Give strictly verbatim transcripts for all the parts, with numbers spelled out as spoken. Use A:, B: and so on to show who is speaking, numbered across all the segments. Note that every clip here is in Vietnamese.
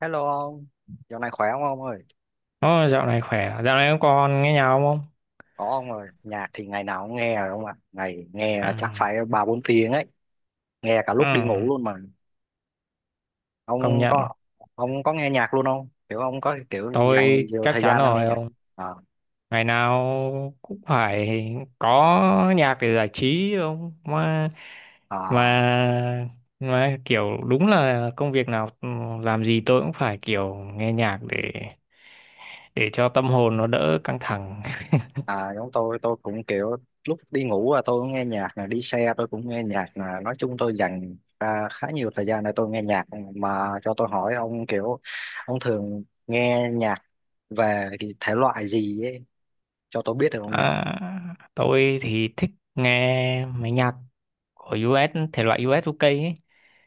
A: Hello ông, dạo này khỏe không ông ơi?
B: Ồ, dạo này khỏe, à? Dạo này các con nghe nhau không?
A: Có ông ơi, nhạc thì ngày nào cũng nghe rồi ông ạ. Ngày nghe chắc
B: À,
A: phải ba bốn tiếng ấy, nghe cả
B: ừ,
A: lúc đi ngủ luôn mà.
B: công
A: Ông
B: nhận,
A: có ông có nghe nhạc luôn không? Kiểu ông có kiểu dành
B: tôi
A: nhiều
B: chắc
A: thời
B: chắn
A: gian ông nghe
B: rồi
A: nhạc.
B: ông.
A: À,
B: Ngày nào cũng phải có nhạc để giải trí ông. Mà,
A: à,
B: mà, mà kiểu đúng là công việc nào ừ, làm gì tôi cũng phải kiểu nghe nhạc để để cho tâm hồn nó đỡ căng thẳng.
A: à, giống tôi tôi cũng kiểu lúc đi ngủ là tôi cũng nghe nhạc, là đi xe tôi cũng nghe nhạc, là nói chung tôi dành ra khá nhiều thời gian để tôi nghe nhạc. Mà cho tôi hỏi ông kiểu ông thường nghe nhạc về cái thể loại gì ấy cho tôi biết được không nhỉ?
B: À, tôi thì thích nghe mấy nhạc của u ét, thể loại u ét u ca ấy.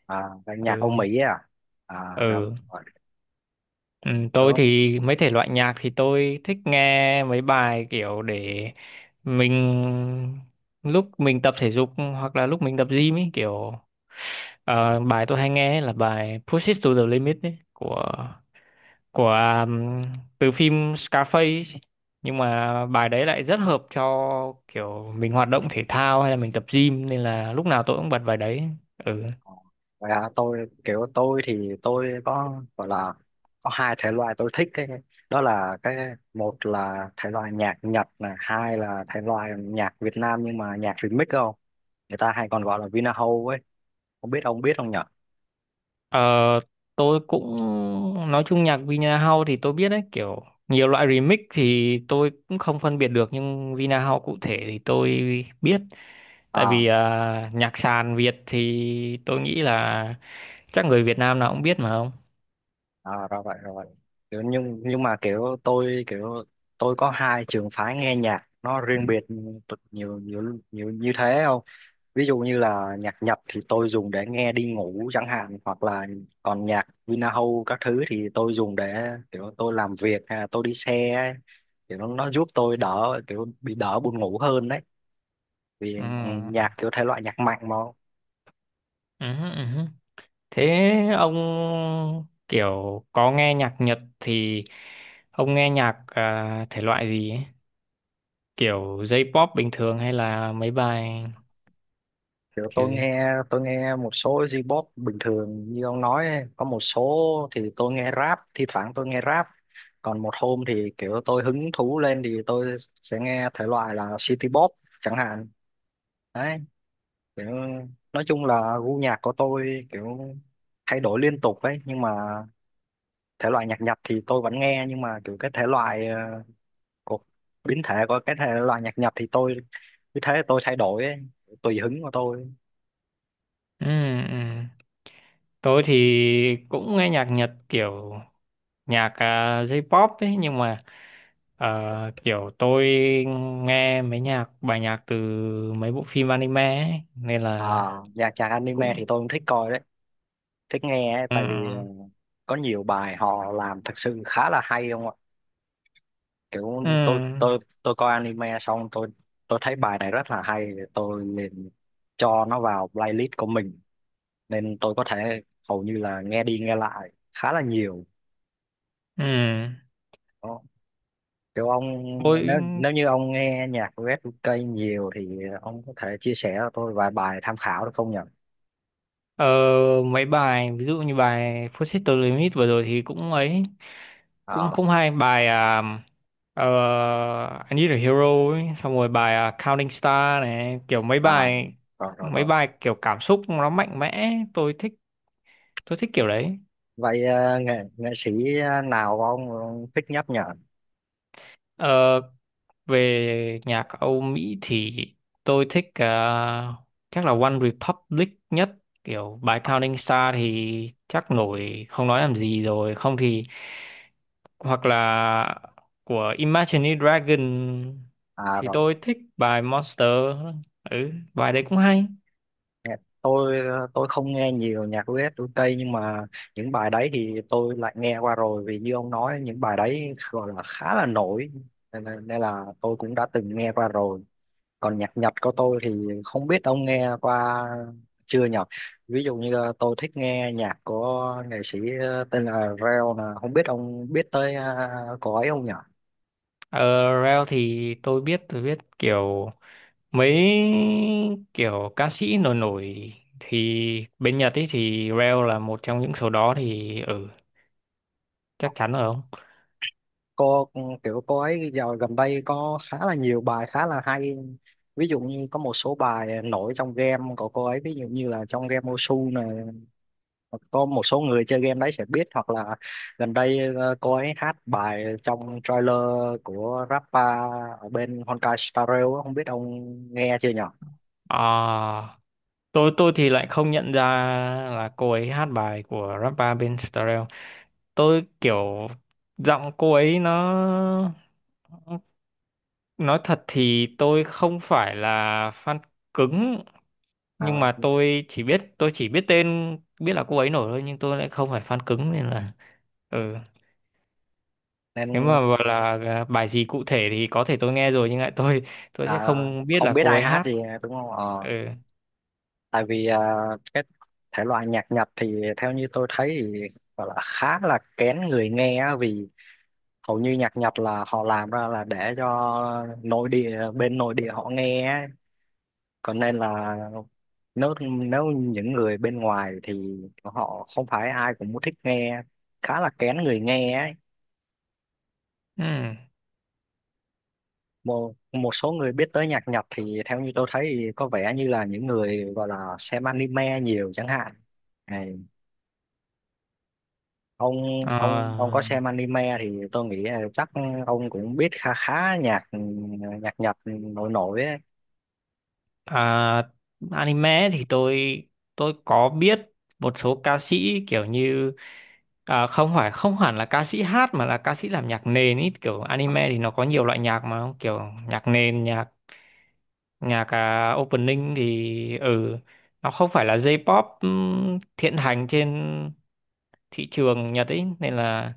A: À, ban nhạc
B: Ừ.
A: Âu Mỹ à. À rồi
B: ừ
A: rồi
B: Ừ, tôi
A: đúng.
B: thì mấy thể loại nhạc thì tôi thích nghe mấy bài kiểu để mình lúc mình tập thể dục hoặc là lúc mình tập gym ấy kiểu ờ, bài tôi hay nghe ấy là bài Push It to the Limit ấy, của của um, từ phim Scarface ấy. Nhưng mà bài đấy lại rất hợp cho kiểu mình hoạt động thể thao hay là mình tập gym nên là lúc nào tôi cũng bật bài đấy. ừ
A: Ờ, vậy hả? Tôi kiểu tôi thì tôi có gọi là có hai thể loại tôi thích, cái đó là cái một là thể loại nhạc Nhật này, hai là thể loại nhạc Việt Nam nhưng mà nhạc remix, không người ta hay còn gọi là Vinahouse ấy, không biết ông biết không nhở?
B: Ờ, tôi cũng nói chung nhạc Vina House thì tôi biết đấy, kiểu nhiều loại remix thì tôi cũng không phân biệt được, nhưng Vina House cụ thể thì tôi biết. Tại
A: À,
B: vì à, nhạc sàn Việt thì tôi nghĩ là chắc người Việt Nam nào cũng biết mà không.
A: à, ra vậy rồi vậy. Kiểu nhưng nhưng mà kiểu tôi kiểu tôi có hai trường phái nghe nhạc nó
B: Ừ,
A: riêng biệt, t- nhiều nhiều nhiều như thế. Không ví dụ như là nhạc Nhật thì tôi dùng để nghe đi ngủ chẳng hạn, hoặc là còn nhạc Vinahome các thứ thì tôi dùng để kiểu tôi làm việc hay là tôi đi xe ấy. Kiểu nó, nó giúp tôi đỡ kiểu bị đỡ buồn ngủ hơn đấy, vì nhạc kiểu thể loại nhạc mạnh mà.
B: Ừ, ừ. ừ. Thế ông kiểu có nghe nhạc Nhật thì ông nghe nhạc à, thể loại gì ấy? Kiểu J-pop bình thường hay là mấy bài
A: Kiểu
B: kiểu
A: tôi
B: gì?
A: nghe tôi nghe một số J-pop bình thường như ông nói ấy. Có một số thì tôi nghe rap, thi thoảng tôi nghe rap, còn một hôm thì kiểu tôi hứng thú lên thì tôi sẽ nghe thể loại là city pop chẳng hạn đấy. Kiểu nói chung là gu nhạc của tôi kiểu thay đổi liên tục ấy, nhưng mà thể loại nhạc Nhật thì tôi vẫn nghe, nhưng mà kiểu cái thể loại ờ, của biến thể của cái thể loại nhạc Nhật thì tôi cứ thế tôi thay đổi ấy, tùy hứng của tôi.
B: ừ, ừ. Tôi thì cũng nghe nhạc Nhật kiểu nhạc à, J-pop ấy, nhưng mà ờ, kiểu tôi nghe mấy nhạc bài nhạc từ mấy bộ phim anime ấy, nên
A: À,
B: là
A: dạ chàng anime thì
B: cũng.
A: tôi cũng thích coi đấy, thích nghe ấy,
B: Ừ,
A: tại vì ờ, có nhiều bài họ làm thật sự khá là hay không ạ?
B: ừ,
A: Kiểu tôi tôi tôi coi anime xong tôi tôi thấy bài này rất là hay, tôi liền cho nó vào playlist của mình, nên tôi có thể hầu như là nghe đi nghe lại khá là nhiều.
B: ừ.
A: Đó. Kiểu ông,
B: tôi
A: nếu nếu như ông nghe nhạc của Red nhiều thì ông có thể chia sẻ cho tôi vài bài tham khảo được không nhỉ?
B: Ờ, mấy bài ví dụ như bài Forces the Limit vừa rồi thì cũng ấy cũng
A: À,
B: không hay bài à, ờ, I Need a Hero ấy. Xong rồi bài à, Counting Star này kiểu mấy
A: à,
B: bài
A: rồi rồi
B: mấy
A: rồi.
B: bài kiểu cảm xúc nó mạnh mẽ tôi thích tôi thích kiểu đấy
A: Vậy ờ, nghệ nghệ sĩ ờ, nào ông thích nhấp nhở?
B: Ờ, về nhạc Âu Mỹ thì tôi thích à, chắc là One Republic nhất kiểu bài Counting Star thì chắc nổi không nói làm gì rồi không thì hoặc là của Imagine Dragon
A: À
B: thì
A: rồi,
B: tôi thích bài Monster ừ bài đấy cũng hay
A: nghe- tôi ờ, tôi không nghe nhiều nhạc u ét u ca nhưng mà những bài đấy thì tôi lại nghe qua rồi, vì như ông nói những bài đấy gọi là khá là nổi, nên, là- nên là tôi cũng đã từng nghe qua rồi. Còn nhạc Nhật của tôi thì không biết ông nghe qua chưa nhỉ? Ví dụ như ờ, tôi thích nghe nhạc của nghệ sĩ ờ, tên là Reo, là không biết ông biết tới ờ, cậu ấy không nhỉ?
B: ở Rel thì tôi biết tôi biết kiểu mấy kiểu ca sĩ nổi nổi thì bên Nhật ấy thì Rel là một trong những số đó thì ừ chắc chắn rồi không
A: cô Kiểu cô ấy giờ gần đây có khá là nhiều bài khá là hay, ví dụ như có một số bài nổi trong game của cô ấy, ví dụ như là trong game Osu này, có một số người chơi game đấy sẽ biết, hoặc là gần đây ờ, cô ấy hát bài trong trailer của rapper ở bên Honkai Star Rail á, không biết ông nghe chưa nhở?
B: à, tôi tôi thì lại không nhận ra là cô ấy hát bài của rapper bên Starrel tôi kiểu giọng cô ấy nó Nói thật thì tôi không phải là fan cứng nhưng
A: À,
B: mà tôi chỉ biết tôi chỉ biết tên biết là cô ấy nổi thôi nhưng tôi lại không phải fan cứng nên là ừ
A: nên
B: nếu mà gọi là à, bài gì cụ thể thì có thể tôi nghe rồi nhưng lại tôi tôi sẽ
A: à,
B: không biết
A: không
B: là
A: biết
B: cô
A: ai
B: ấy
A: hát
B: hát
A: gì đúng không? Ờ,
B: ừ,
A: tại vì à, cái thể loại nhạc Nhật thì theo như tôi thấy thì gọi là khá là kén người nghe á, vì hầu như nhạc Nhật là họ làm ra là để cho nội địa, bên nội địa họ nghe á. Còn nên là, nếu nếu những người bên ngoài thì họ không phải ai cũng thích nghe, khá là kén người nghe ấy.
B: ừ.
A: Một Một số người biết tới nhạc Nhật thì theo như tôi thấy thì có vẻ như là những người gọi là xem anime nhiều chẳng hạn. ông ông ông có
B: à,
A: xem anime thì tôi nghĩ là chắc ông cũng biết khá khá nhạc, nhạc Nhật nổi nổi ấy.
B: À, anime thì tôi tôi có biết một số ca sĩ kiểu như à, không phải, không hẳn là ca sĩ hát mà là ca sĩ làm nhạc nền, ý kiểu anime thì nó có nhiều loại nhạc mà kiểu nhạc nền nhạc nhạc à, opening thì ừ nó không phải là J-pop ừm, hiện hành trên thị trường Nhật ấy, nên là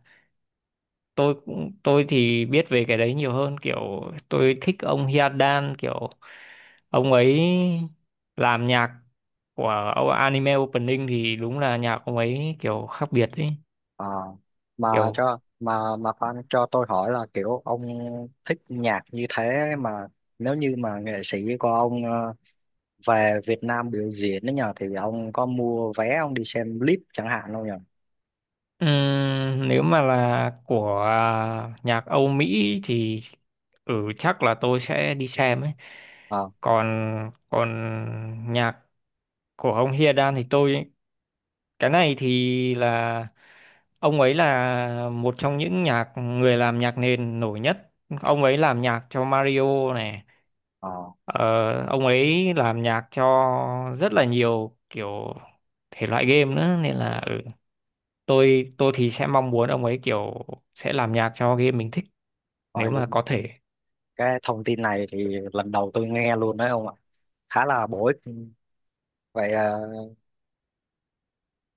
B: tôi cũng tôi thì biết về cái đấy nhiều hơn, kiểu tôi thích ông Hyadan, kiểu ông ấy làm nhạc của o- anime opening thì đúng là nhạc ông ấy kiểu khác biệt ấy,
A: Ờ, mà
B: kiểu
A: cho mà mà fan cho tôi hỏi là kiểu ông thích nhạc như thế, mà nếu như mà nghệ sĩ của ông ờ, về Việt Nam biểu diễn đấy nhờ, thì ông có mua vé ông đi xem clip chẳng hạn không nhờ?
B: ừm, nếu mà là của à, nhạc Âu Mỹ thì ừ chắc là tôi sẽ đi xem ấy.
A: ờ
B: Còn còn nhạc của ông Hyadan thì tôi cái này thì là ông ấy là một trong những nhạc người làm nhạc nền nổi nhất. Ông ấy làm nhạc cho Mario này,
A: ờ
B: ờ, ông ấy làm nhạc cho rất là nhiều kiểu thể loại game nữa, nên là ừ, tôi tôi thì sẽ mong muốn ông ấy kiểu sẽ làm nhạc cho game mình thích nếu
A: Rồi
B: mà
A: luôn,
B: có thể.
A: cái thông tin này thì lần đầu tôi nghe luôn đấy ông ạ, khá là bổ ích. Vậy à,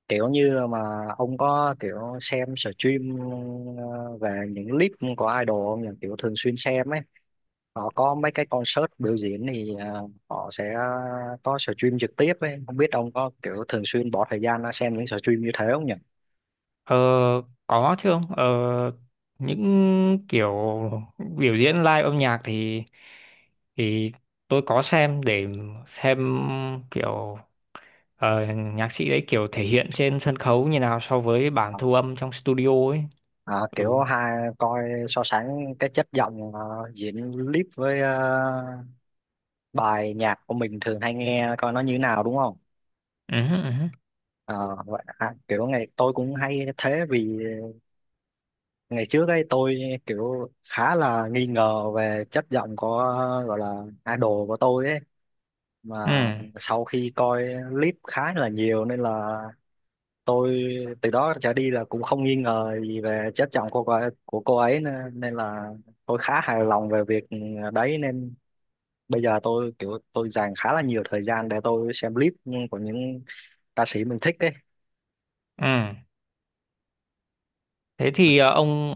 A: kiểu như mà ông có kiểu xem stream ờ, về những clip của idol không nhỉ, kiểu thường xuyên xem ấy, họ có mấy cái concert biểu diễn thì ờ, họ sẽ có stream trực tiếp ấy, không biết ông có kiểu thường xuyên bỏ thời gian ra xem những stream như thế không nhỉ?
B: Ờ, có chứ không? Ờ, những kiểu biểu diễn live âm nhạc thì thì tôi có xem để xem kiểu ờ, nhạc sĩ đấy kiểu thể hiện trên sân khấu như nào so với bản thu âm trong studio ấy.
A: À, kiểu
B: Ừ.
A: hai coi so sánh cái chất giọng ờ, diễn clip với ờ, bài nhạc của mình thường hay nghe, coi nó như thế nào đúng không?
B: Ừ. Ừ.
A: Ờ, vậy, à, kiểu ngày tôi cũng hay thế, vì ngày trước ấy tôi kiểu khá là nghi ngờ về chất giọng của, gọi là, idol của tôi ấy, mà
B: Ừ.
A: sau khi coi clip khá là nhiều nên là tôi từ đó trở đi là cũng không nghi ngờ gì về chất giọng của cô ấy, của cô ấy nữa. Nên là tôi khá hài lòng về việc đấy, nên bây giờ tôi kiểu tôi dành khá là nhiều thời gian để tôi xem clip của những ca sĩ mình thích ấy.
B: ừ. Thế thì ờ, ông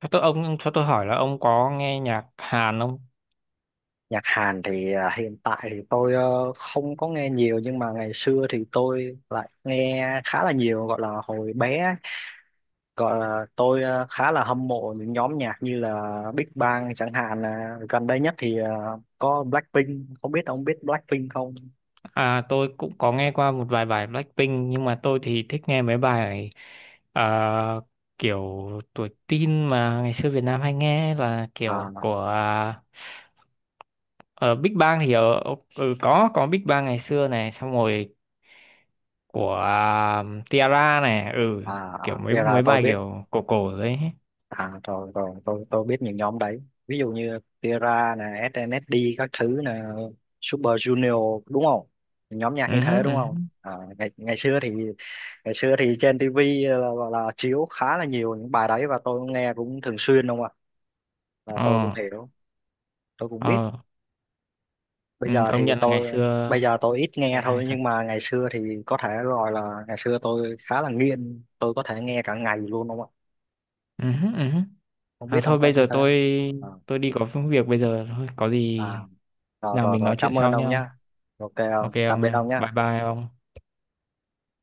B: cho tôi ông cho tôi hỏi là ông có nghe nhạc Hàn không?
A: Nhạc Hàn thì à, hiện tại thì tôi ờ, không có nghe nhiều, nhưng mà ngày xưa thì tôi lại nghe khá là nhiều, gọi là hồi bé ấy. Gọi là tôi ờ, khá là hâm mộ những nhóm nhạc như là Big Bang chẳng hạn, là gần đây nhất thì ờ, có Blackpink, không biết ông biết Blackpink không?
B: À, tôi cũng có nghe qua một vài bài Blackpink, nhưng mà tôi thì thích nghe mấy bài ờ, kiểu tuổi teen mà ngày xưa Việt Nam hay nghe, là kiểu
A: à,
B: của à, ờ, Big Bang thì ở ừ, có có Big Bang ngày xưa này, xong rồi của à, Tiara này. ừ
A: à,
B: Kiểu
A: à,
B: mấy
A: thì là
B: mấy
A: tôi
B: bài
A: biết.
B: kiểu cổ cổ đấy.
A: À, rồi rồi, tôi tôi biết những nhóm đấy, ví dụ như Tira nè, ét en ét đê các thứ nè, Super Junior đúng không, nhóm nhạc
B: Ừ
A: như thế đúng
B: ừ
A: không. À, ngày ngày xưa thì ngày xưa thì trên ti vi là, là, là chiếu khá là nhiều những bài đấy và tôi nghe cũng thường xuyên đúng không ạ, là tôi cũng
B: ờ
A: hiểu, tôi cũng biết.
B: ờ
A: Bây
B: Ừ,
A: giờ
B: công
A: thì
B: nhận là ngày
A: tôi,
B: xưa
A: bây giờ tôi ít nghe
B: nghe hay
A: thôi,
B: thật.
A: nhưng mà ngày xưa thì có thể gọi là ngày xưa tôi khá là nghiện, tôi có thể nghe cả ngày luôn đúng không ạ,
B: Ừ ừ
A: không
B: À
A: biết ông
B: thôi
A: có
B: bây
A: như
B: giờ
A: thế
B: tôi
A: không?
B: tôi đi có việc bây giờ thôi, có
A: À,
B: gì
A: à, rồi
B: nào
A: rồi
B: mình
A: rồi,
B: nói chuyện
A: cảm ơn
B: sau
A: ông
B: nhau.
A: nhá. Ok ông,
B: Ok
A: tạm
B: ông
A: biệt ông
B: nha. Bye
A: nhá.
B: bye ông.